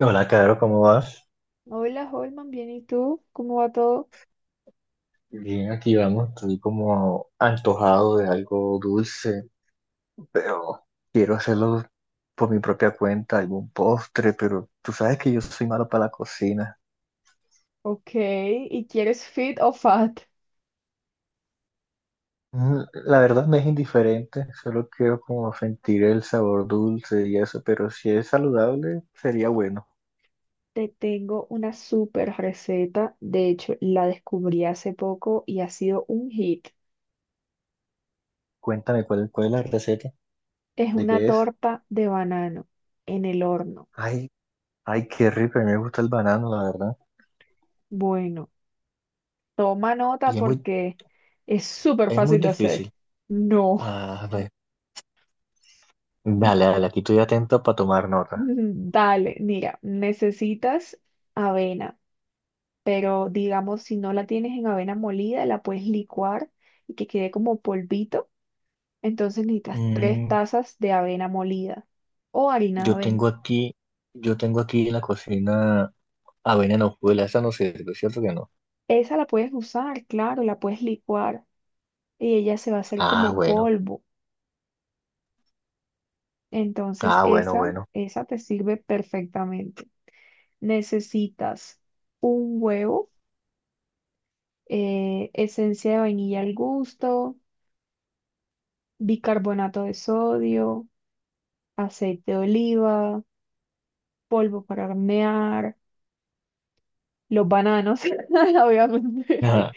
Hola, Caro, ¿cómo vas? Hola, Holman, bien, ¿y tú? ¿Cómo va todo? Bien, aquí vamos. Estoy como antojado de algo dulce, pero quiero hacerlo por mi propia cuenta, algún postre, pero tú sabes que yo soy malo para la cocina. Ok, ¿y quieres fit o fat? La verdad me es indiferente, solo quiero como sentir el sabor dulce y eso, pero si es saludable, sería bueno. Te tengo una super receta, de hecho la descubrí hace poco y ha sido un hit. Cuéntame cuál es la receta, Es de una qué es. torta de banano en el horno. Ay, ay, qué rico, a mí me gusta el banano, la verdad. Bueno, toma nota Y es muy, porque es súper es muy fácil de hacer. difícil. No, Ah, no. Dale, dale, aquí estoy atento para tomar nota. dale, mira, necesitas avena. Pero digamos, si no la tienes en avena molida, la puedes licuar y que quede como polvito. Entonces necesitas tres Mm, tazas de avena molida o harina de yo avena. tengo aquí, yo tengo aquí en la cocina avena en hojuelas, esa no sirve, ¿cierto que no? Esa la puedes usar, claro, la puedes licuar y ella se va a hacer Ah, como bueno, polvo. Entonces ah, bueno, esa, bueno. esa te sirve perfectamente. Necesitas un huevo, esencia de vainilla al gusto, bicarbonato de sodio, aceite de oliva, polvo para hornear, los bananos, obviamente, Ajá,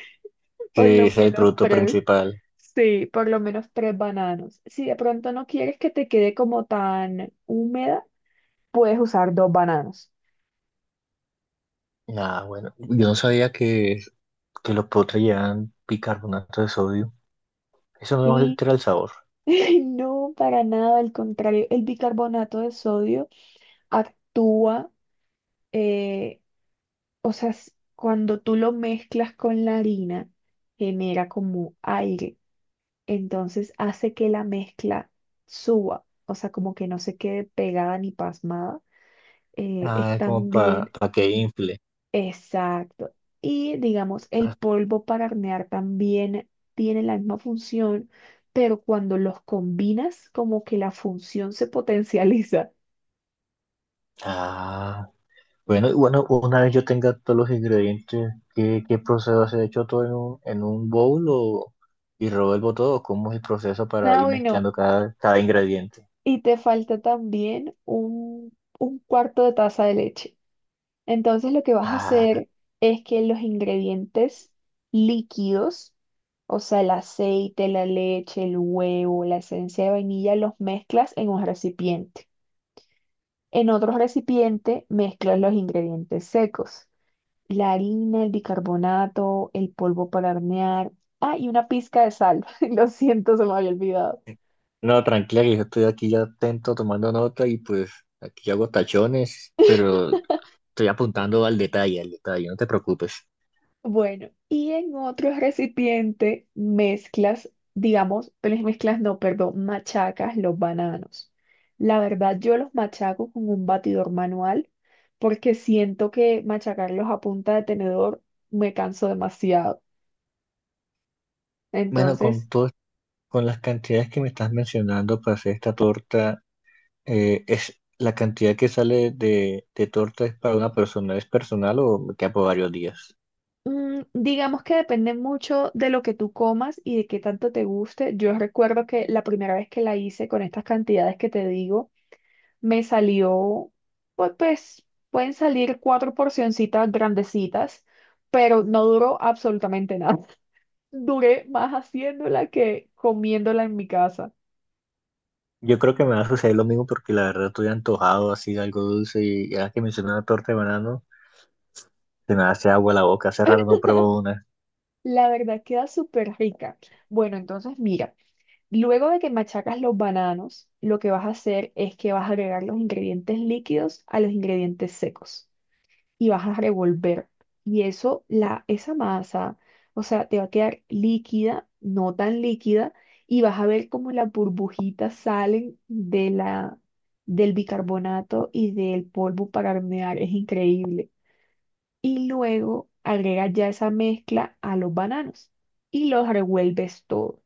por que lo ese es el menos producto tres. principal. Sí, por lo menos tres bananos. Si de pronto no quieres que te quede como tan húmeda, puedes usar dos bananos. Ah, bueno, yo no que los potres llevan bicarbonato de sodio. Eso no Sí, altera el sabor. no, para nada, al contrario, el bicarbonato de sodio actúa, eh, o sea, cuando tú lo mezclas con la harina, genera como aire, entonces hace que la mezcla suba, o sea, como que no se quede pegada ni pasmada, es Ah, como también, para que infle. exacto. Y digamos, el polvo para hornear también tiene la misma función, pero cuando los combinas, como que la función se potencializa. Ah. Bueno, y bueno, una vez yo tenga todos los ingredientes, ¿qué, qué procedo a hacer? ¿Hecho todo en en un bowl o, y revuelvo todo? ¿Cómo es el proceso para Ah, ir bueno, mezclando cada ingrediente? y te falta también un cuarto de taza de leche. Entonces lo que vas a Ah, hacer es que los ingredientes líquidos, o sea, el aceite, la leche, el huevo, la esencia de vainilla, los mezclas en un recipiente. En otro recipiente mezclas los ingredientes secos, la harina, el bicarbonato, el polvo para hornear, ah, y una pizca de sal. Lo siento, se me había olvidado. no, tranquila, que yo estoy aquí ya atento tomando nota y pues aquí hago tachones, pero estoy apuntando al detalle, no te preocupes. Bueno, y en otro recipiente mezclas, digamos, pero mezclas no, perdón, machacas los bananos. La verdad, yo los machaco con un batidor manual porque siento que machacarlos a punta de tenedor me canso demasiado. Bueno, con Entonces, todo, con las cantidades que me estás mencionando para hacer esta torta. Es la cantidad que sale de torta es para una persona, ¿es personal o me queda por varios días? Digamos que depende mucho de lo que tú comas y de qué tanto te guste. Yo recuerdo que la primera vez que la hice con estas cantidades que te digo, me salió, pues pueden salir cuatro porcioncitas grandecitas, pero no duró absolutamente nada. Duré más haciéndola que comiéndola en mi casa. Yo creo que me va a suceder lo mismo porque la verdad estoy antojado así de algo dulce y ahora que mencioné una torta de banano, se me hace agua la boca, hace rato no pruebo una. La verdad queda súper rica. Bueno, entonces mira. Luego de que machacas los bananos, lo que vas a hacer es que vas a agregar los ingredientes líquidos a los ingredientes secos y vas a revolver. Y eso, esa masa, o sea, te va a quedar líquida, no tan líquida, y vas a ver cómo las burbujitas salen del bicarbonato y del polvo para hornear. Es increíble. Y luego agregas ya esa mezcla a los bananos y los revuelves todo.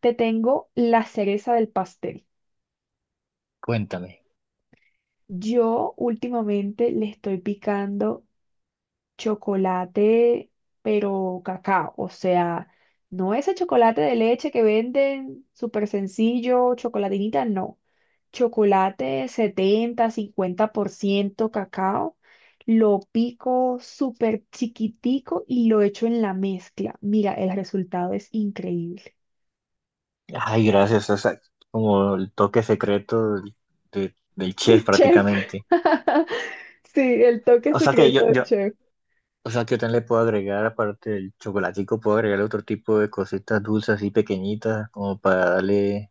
Te tengo la cereza del pastel. Cuéntame. Yo últimamente le estoy picando chocolate, pero cacao, o sea, no ese chocolate de leche que venden súper sencillo, chocolatinita, no. Chocolate 70%, 50% cacao, lo pico súper chiquitico y lo echo en la mezcla. Mira, el resultado es increíble. Ay, gracias, o sea, como el toque secreto del De chef chef. prácticamente. Sí, el toque O sea que secreto yo, de yo, chef. o sea que yo también le puedo agregar, aparte del chocolatico, puedo agregar otro tipo de cositas dulces así pequeñitas como para darle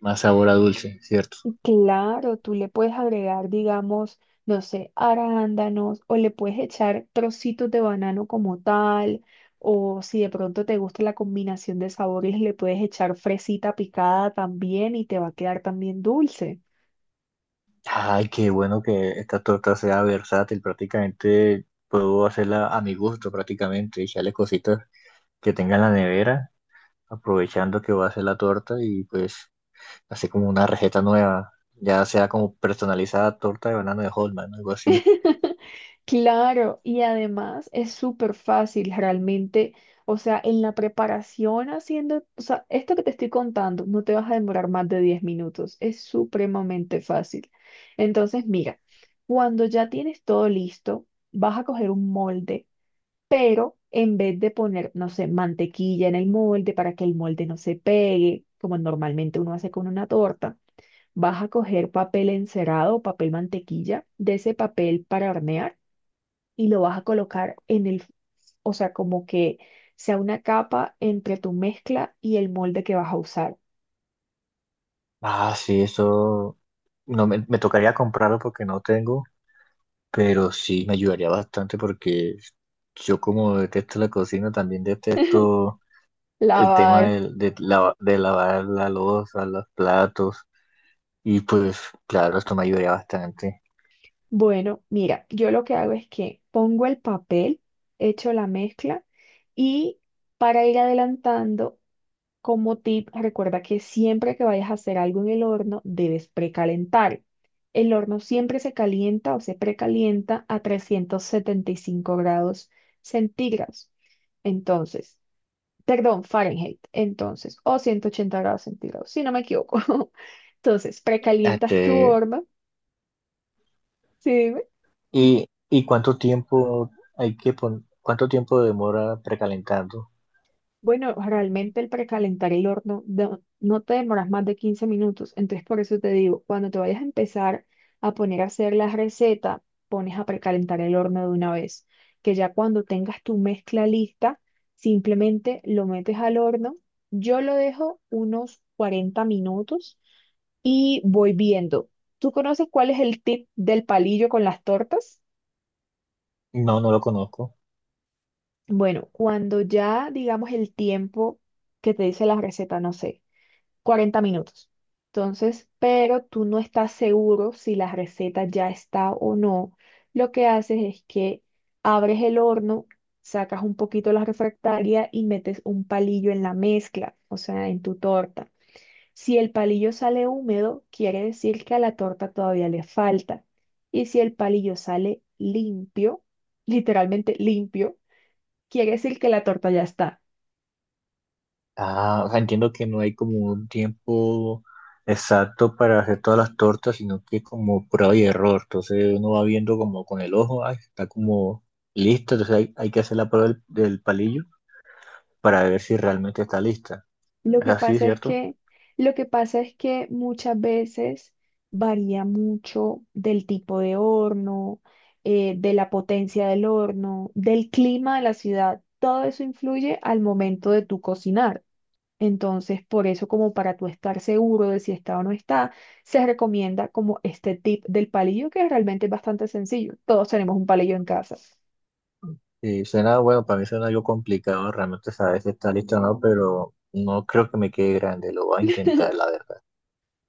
más sabor a dulce, ¿cierto? Claro, tú le puedes agregar, digamos, no sé, arándanos, o le puedes echar trocitos de banano como tal, o si de pronto te gusta la combinación de sabores, le puedes echar fresita picada también y te va a quedar también dulce. Ay, qué bueno que esta torta sea versátil. Prácticamente puedo hacerla a mi gusto, prácticamente. Echarle cositas que tenga en la nevera, aprovechando que voy a hacer la torta y pues hacer como una receta nueva. Ya sea como personalizada torta de banano de Holman, algo así. Claro, y además es súper fácil realmente, o sea, en la preparación haciendo, o sea, esto que te estoy contando, no te vas a demorar más de 10 minutos, es supremamente fácil. Entonces, mira, cuando ya tienes todo listo, vas a coger un molde, pero en vez de poner, no sé, mantequilla en el molde para que el molde no se pegue, como normalmente uno hace con una torta, vas a coger papel encerado o papel mantequilla, de ese papel para hornear, y lo vas a colocar en el, o sea, como que sea una capa entre tu mezcla y el molde que vas a usar. Ah, sí, eso no me tocaría comprarlo porque no tengo, pero sí me ayudaría bastante porque yo como detesto la cocina, también detesto el tema Lavar. De lavar la loza, los platos, y pues claro, esto me ayudaría bastante. Bueno, mira, yo lo que hago es que pongo el papel, echo la mezcla y, para ir adelantando, como tip, recuerda que siempre que vayas a hacer algo en el horno, debes precalentar. El horno siempre se calienta o se precalienta a 375 grados centígrados. Entonces, perdón, Fahrenheit, entonces, o 180 grados centígrados, si no me equivoco. Entonces, precalientas Este, tu horno, ¿sí? y, ¿y cuánto tiempo hay que cuánto tiempo demora precalentando? Bueno, realmente el precalentar el horno no te demoras más de 15 minutos, entonces por eso te digo, cuando te vayas a empezar a poner a hacer la receta, pones a precalentar el horno de una vez, que ya cuando tengas tu mezcla lista, simplemente lo metes al horno. Yo lo dejo unos 40 minutos y voy viendo. ¿Tú conoces cuál es el tip del palillo con las tortas? No, no lo conozco. Bueno, cuando ya digamos el tiempo que te dice la receta, no sé. 40 minutos. Entonces, pero tú no estás seguro si la receta ya está o no. Lo que haces es que abres el horno, sacas un poquito la refractaria y metes un palillo en la mezcla, o sea, en tu torta. Si el palillo sale húmedo, quiere decir que a la torta todavía le falta. Y si el palillo sale limpio, literalmente limpio, quiere decir que la torta ya está. Ah, o sea, entiendo que no hay como un tiempo exacto para hacer todas las tortas, sino que es como prueba y error. Entonces uno va viendo como con el ojo, ay, está como lista, entonces hay que hacer la prueba del palillo para ver si realmente está lista. Lo Es que así, pasa es ¿cierto? que, lo que pasa es que muchas veces varía mucho del tipo de horno, de la potencia del horno, del clima de la ciudad. Todo eso influye al momento de tu cocinar. Entonces, por eso, como para tú estar seguro de si está o no está, se recomienda como este tip del palillo, que realmente es bastante sencillo. Todos tenemos un palillo en casa. Y suena, bueno, para mí suena algo complicado realmente saber si está lista o no, pero no creo que me quede grande, lo voy a intentar, la verdad.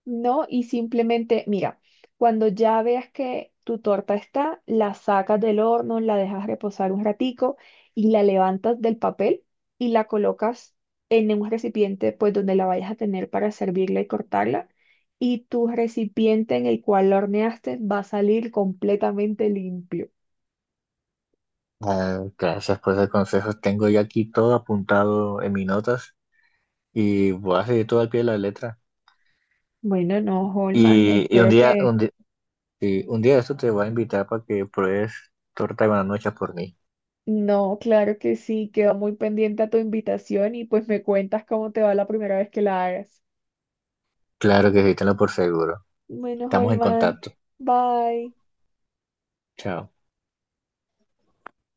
No, y simplemente, mira, cuando ya veas que tu torta está, la sacas del horno, la dejas reposar un ratico y la levantas del papel y la colocas en un recipiente, pues donde la vayas a tener para servirla y cortarla. Y tu recipiente en el cual la horneaste va a salir completamente limpio. Ah, gracias por esos consejos, tengo ya aquí todo apuntado en mis notas y voy a seguir todo al pie de la letra. Bueno, no, Holman, Y un espero día, que... un di- Sí, un día de esto te voy a invitar para que pruebes torta de buenas noches por mí. No, claro que sí, quedo muy pendiente a tu invitación y pues me cuentas cómo te va la primera vez que la hagas. Claro que sí, tenlo por seguro. Bueno, Estamos en Holman, contacto. bye. Chao.